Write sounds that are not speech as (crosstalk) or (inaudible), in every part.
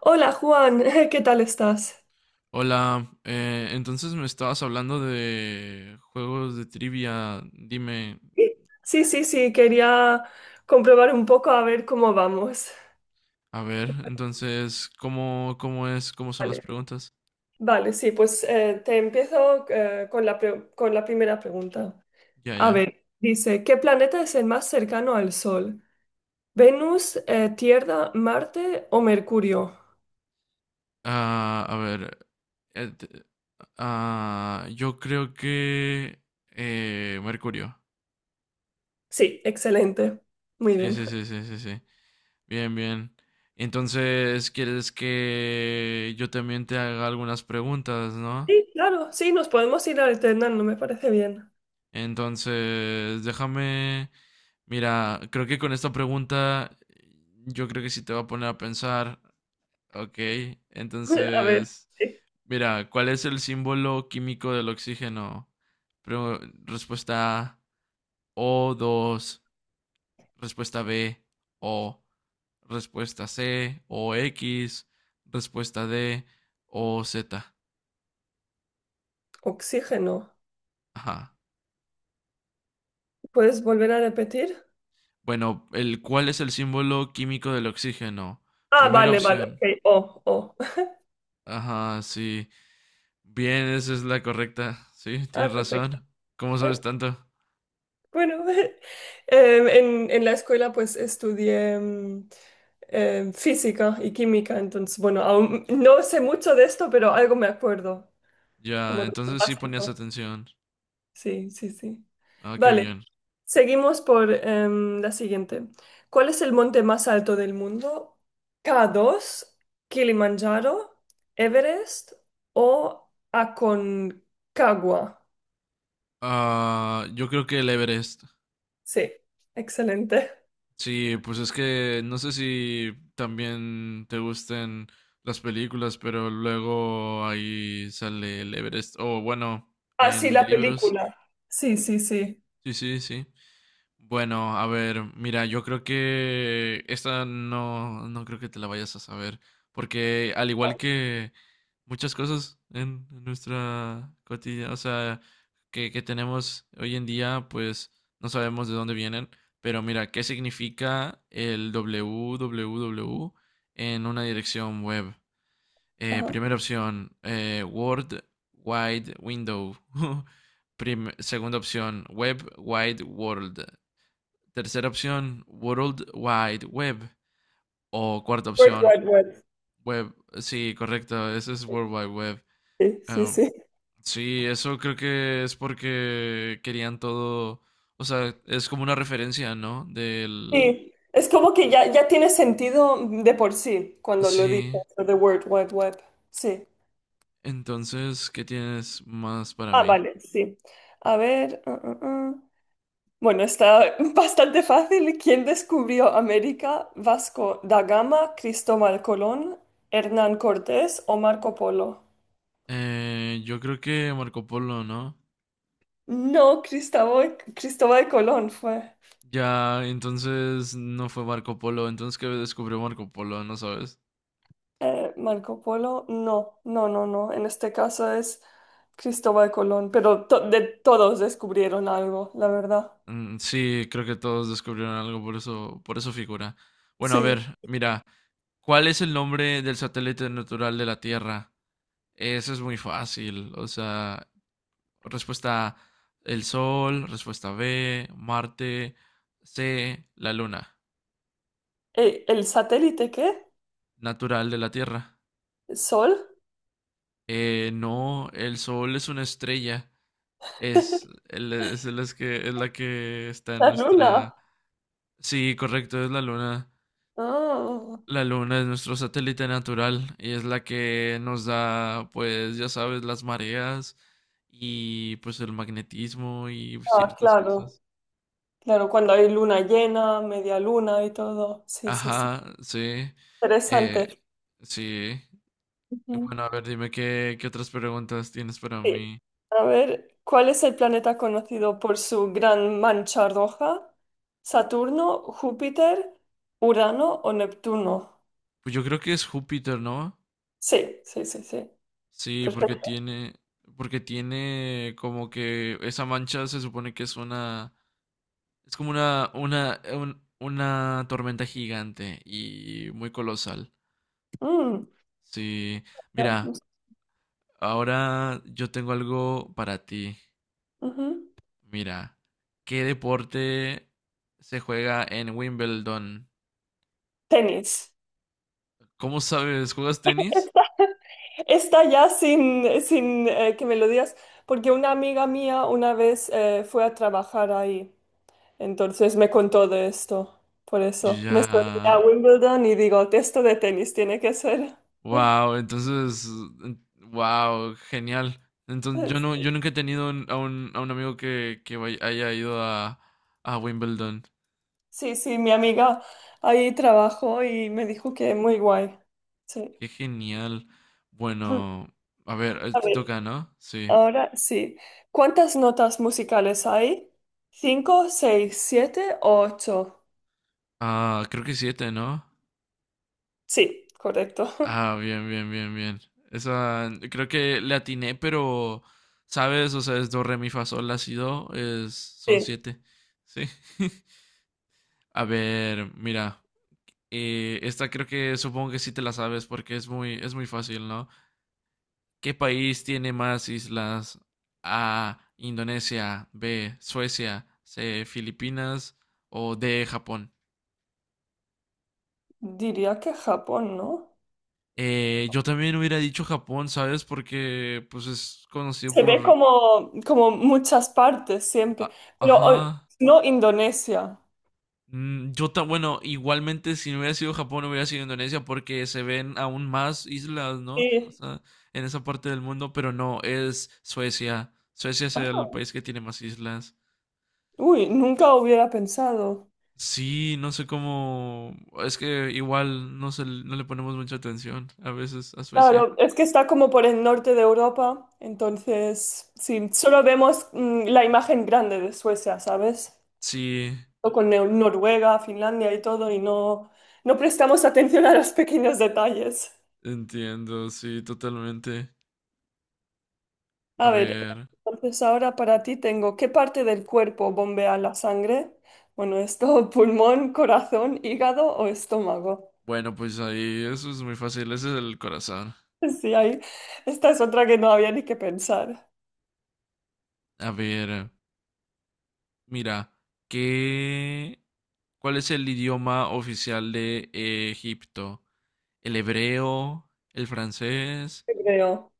Hola Juan, (laughs) ¿qué tal estás? Hola, entonces me estabas hablando de juegos de trivia. Dime, Sí, sí, sí, quería comprobar un poco a ver cómo vamos. a ver, ¿Te parece? entonces, ¿ cómo son las Vale, preguntas? Vale, sí, pues te empiezo con la primera pregunta. Ya, A ya. ver, dice, ¿qué planeta es el más cercano al Sol? ¿Venus, Tierra, Marte o Mercurio? Ah, a ver, eh, te- yo creo que Mercurio. Sí, excelente. Muy Sí, bien. sí, sí, sí, sí, sí. Bien, bien. Entonces, ¿quieres que yo también te haga algunas preguntas, no? Sí, claro, sí, nos podemos ir alternando, me parece bien. Entonces, déjame, mira, creo que con esta pregunta yo creo que sí te va a poner a pensar, ok, (laughs) A ver, entonces, sí. mira, ¿cuál es el símbolo químico del oxígeno? Pre- respuesta A, o dos. Respuesta B, O, respuesta C, O x. Respuesta D, O OZ. Oxígeno. Ajá. ¿Puedes volver a repetir? Bueno, ¿cuál es el símbolo químico del oxígeno? Ah, Primera vale, vale, opción, ok. Oh, oh. Ajá, sí. Bien, esa es la correcta. Sí, Ah, tienes razón. perfecto. ¿Cómo sabes Eh, tanto? Bueno, (laughs) en la escuela pues estudié física y química, entonces, bueno, aún no sé mucho de esto, pero algo me acuerdo, Ya, como de lo entonces sí ponías básico. atención. Sí, sí, sí. Ah, qué Vale, bien. seguimos por la siguiente. ¿Cuál es el monte más alto del mundo? ¿K2, Kilimanjaro, Everest o Aconcagua? Ah, yo creo que el Everest. Sí, excelente. Sí, pues es que no sé si también te gusten las películas, pero luego ahí sale el Everest. O bueno, Ah, sí, en la libros. película. Sí, sí, sí. Sí, sí, sí. Bueno, a ver, mira, yo creo que esta no, no creo que te la vayas a saber, porque al igual que muchas cosas en nuestra cotidiana, o sea, que tenemos hoy en día, pues no sabemos de dónde vienen, pero mira, ¿qué significa el www en una dirección web? Ajá. Primera opción, World Wide Window. (laughs) Segunda opción, Web Wide World. Tercera opción, World Wide Web. O cuarta World opción, Wide Web. Web. Sí, correcto, eso es World Wide Web. Sí, sí, Um, sí. sí, eso creo que es porque querían todo. O sea, es como una referencia, ¿no? Del. Sí, es como que ya, ya tiene sentido de por sí cuando lo dices, Sí. lo de World Wide Web. Sí. Entonces, ¿qué tienes más para Ah, mí? vale, sí. A ver. Ah, ah, ah. Bueno, está (laughs) bastante fácil. ¿Quién descubrió América? ¿Vasco da Gama, Cristóbal Colón, Hernán Cortés o Marco Polo? Yo creo que Marco Polo, ¿no? No, Cristóbal, Cristóbal Colón fue. Ya, entonces no fue Marco Polo. Entonces, ¿qué descubrió Marco Polo? ¿No sabes? Marco Polo, no, no, no, no. En este caso es Cristóbal Colón, pero de todos descubrieron algo, la verdad. Mm, sí, creo que todos descubrieron algo, por eso figura. Bueno, a Sí. ver, mira, ¿cuál es el nombre del satélite natural de la Tierra? Eso es muy fácil, o sea, respuesta A, el Sol, respuesta B, Marte, C, la Luna, ¿El satélite qué? natural de la Tierra. ¿El sol? No, el Sol es una estrella, es que, es la que está en La luna. nuestra. Sí, correcto, es la Luna. Ah, La luna es nuestro satélite natural y es la que nos da, pues ya sabes, las mareas y pues el magnetismo y ah, ciertas claro, cosas. claro, cuando hay luna llena, media luna y todo. Sí, sí, sí. Ajá, sí. Eh, Interesante. sí. Y Ujú. bueno, a ver, dime qué otras preguntas tienes para Sí. mí. A ver, ¿cuál es el planeta conocido por su gran mancha roja? ¿Saturno, Júpiter, Urano o Neptuno? Pues yo creo que es Júpiter, ¿no? Sí, sí, sí, sí. Sí, Perfecto. Porque tiene como que esa mancha se supone que es una. Es como una tormenta gigante y muy colosal. Mm, Sí, no, mira, no sé. ahora yo tengo algo para ti. Ujú. Mira, ¿qué deporte se juega en Wimbledon? Tenis. ¿Cómo sabes? ¿Juegas (laughs) tenis? Esta, esta ya sin que me lo digas, porque una amiga mía una vez fue a trabajar ahí, entonces me contó de esto. Por eso me Ya, estoy a Wimbledon y digo, esto de tenis tiene que ser. wow, entonces, wow, genial. Entonces, yo nunca (laughs) he tenido a un amigo que haya ido a Wimbledon. Sí, sí, mi amiga ahí trabajó y me dijo que muy guay. Sí. Qué genial. (laughs) Bueno, a ver, A te ver. toca, ¿no? Sí. Ahora sí. ¿Cuántas notas musicales hay? ¿Cinco, seis, siete o ocho? Ah, creo que siete, ¿no? Sí, correcto. (laughs) Ah, bien, bien, bien, bien. Esa, creo que le atiné, pero, ¿sabes? O sea, es do, re, mi, fa, sol, la, si, do, es, son Sí, siete. Sí. (laughs) A ver, mira. Esta creo que supongo que sí te la sabes porque es muy fácil, ¿no? ¿Qué país tiene más islas? A, Indonesia, B, Suecia, C, Filipinas o D, Japón. diría que Japón, ¿no? Yo también hubiera dicho Japón, ¿sabes? Porque pues es conocido Se ve por. como, como muchas partes siempre, pero Ajá. no Indonesia. Bueno, igualmente si no hubiera sido Japón, hubiera sido Indonesia porque se ven aún más islas, ¿no? O Sí. sea, en esa parte del mundo, pero no, es Suecia. Suecia es el Ah, país que tiene más islas. uy, nunca hubiera pensado. Sí, no sé cómo. Es que igual no le ponemos mucha atención a veces a Suecia. Claro, es que está como por el norte de Europa, entonces sí, solo vemos la imagen grande de Suecia, ¿sabes? Sí, O con Noruega, Finlandia y todo, y no, no prestamos atención a los pequeños detalles. entiendo, sí, totalmente. A A ver, ver. entonces ahora para ti tengo, ¿qué parte del cuerpo bombea la sangre? Bueno, esto, (laughs) pulmón, corazón, hígado o estómago. (laughs) Bueno, pues ahí eso es muy fácil, ese es el corazón. Sí, ahí, esta es otra que no había ni que pensar. A ver, mira, ¿qué, cuál es el idioma oficial de Egipto? ¿El hebreo? ¿El francés? Hebreo.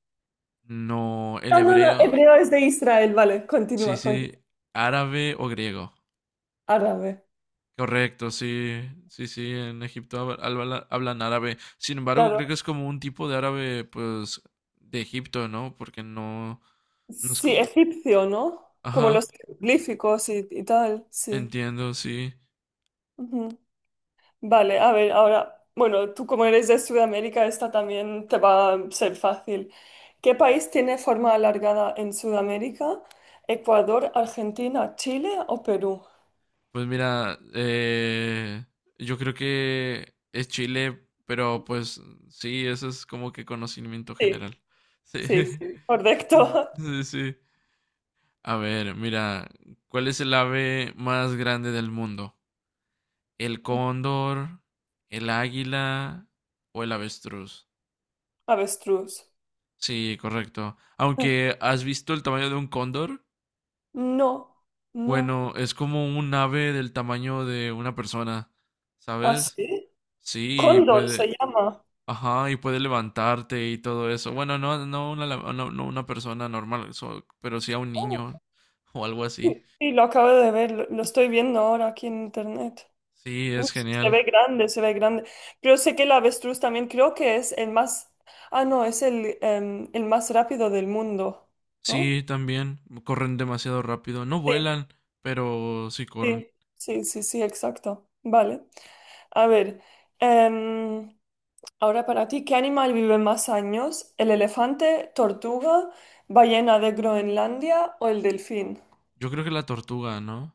No, el No, no, no, hebreo. hebreo es de Israel, vale, Sí, continúa, continúa. sí, árabe o griego. Árabe. Correcto, sí, sí, sí, en Egipto hablan árabe. Sin embargo, Claro. creo que es como un tipo de árabe, pues, de Egipto, ¿no? Porque no es Sí, como. egipcio, ¿no? Como los Ajá, jeroglíficos y tal, sí. entiendo, sí. Ujú. Vale, a ver, ahora, bueno, tú como eres de Sudamérica, esta también te va a ser fácil. ¿Qué país tiene forma alargada en Sudamérica? ¿Ecuador, Argentina, Chile o Perú? Pues mira, yo creo que es Chile, pero pues sí, eso es como que conocimiento Sí, general. Sí, sí, sí, (laughs) correcto. sí, sí. A ver, mira, ¿cuál es el ave más grande del mundo? ¿El cóndor, el águila o el avestruz? (laughs) Avestruz. Sí, correcto. Aunque has visto el tamaño de un cóndor, No, no. bueno, es como un ave del tamaño de una persona, ¿Así? ¿sabes? ¿Sí? Sí, Cóndor se puede. llama. Ajá, y puede levantarte y todo eso. Bueno, no, no una, no, no una persona normal, pero sí a un Oh, niño o algo sí, así. sí, lo acabo de ver, lo estoy viendo ahora aquí en internet. Sí, Uf, es se genial. ve grande, se ve grande. Pero sé que el avestruz también creo que es el más, ah, no, es el más rápido del mundo, ¿no? Sí, también. Corren demasiado rápido. No Sí, vuelan, pero sí corren. sí, sí, sí, sí, exacto. Vale. A ver, em, ahora para ti, ¿qué animal vive más años? ¿El elefante, tortuga, ballena de Groenlandia o el delfín? Yo creo que la tortuga, ¿no?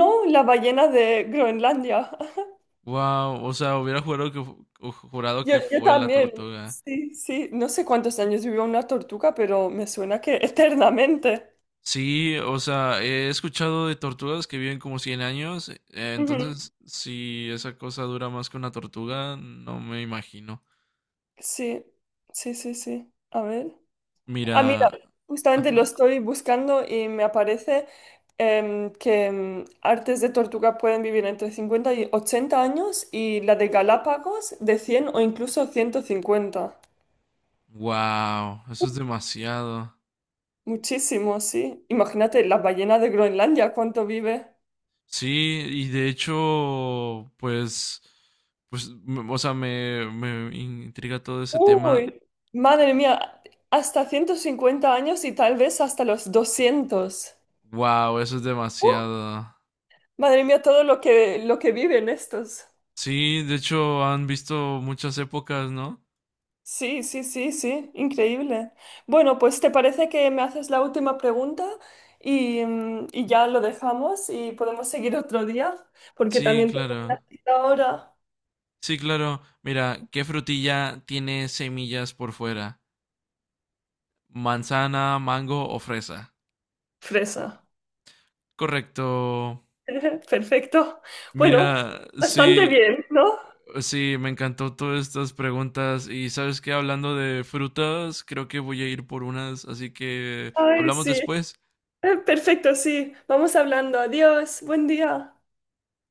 No, la ballena de Groenlandia. Wow, o sea, hubiera jurado Yo, que yo fue la también, tortuga. sí, sí, no sé cuántos años vivió una tortuga, pero me suena que (laughs) eternamente. Sí, o sea, he escuchado de tortugas que viven como 100 años, Ujú. entonces si esa cosa dura más que una tortuga, no me imagino. Sí, sí, sí, sí. A ver. Ah, mira, Mira, justamente lo ajá. estoy buscando y me aparece que artes de tortuga pueden vivir entre 50 y 80 años y la de Galápagos de 100 o incluso 150. Wow, eso es demasiado. Muchísimo, sí. Imagínate la ballena de Groenlandia, ¿cuánto vive? Sí, y de hecho, pues, o sea, me intriga todo ese tema. Uy, madre mía, hasta 150 años y tal vez hasta los 200. Wow, eso es Uh, demasiado. madre mía, todo lo que viven estos. Sí, de hecho, han visto muchas épocas, ¿no? Sí, sí, sí, sí, increíble. Bueno, pues ¿te parece que me haces la última pregunta y ya lo dejamos y podemos seguir otro día? Porque Sí, también tengo claro. una cita ahora. Sí, claro. Mira, ¿qué frutilla tiene semillas por fuera? ¿Manzana, mango o fresa? Fresa. Correcto. (laughs) Perfecto. Bueno, Mira, bastante sí. bien, ¿no? Sí, me encantó todas estas preguntas y sabes que hablando de frutas, creo que voy a ir por unas, así que Ay, hablamos sí. (laughs) después. Perfecto, sí. Vamos hablando. Adiós. Buen día.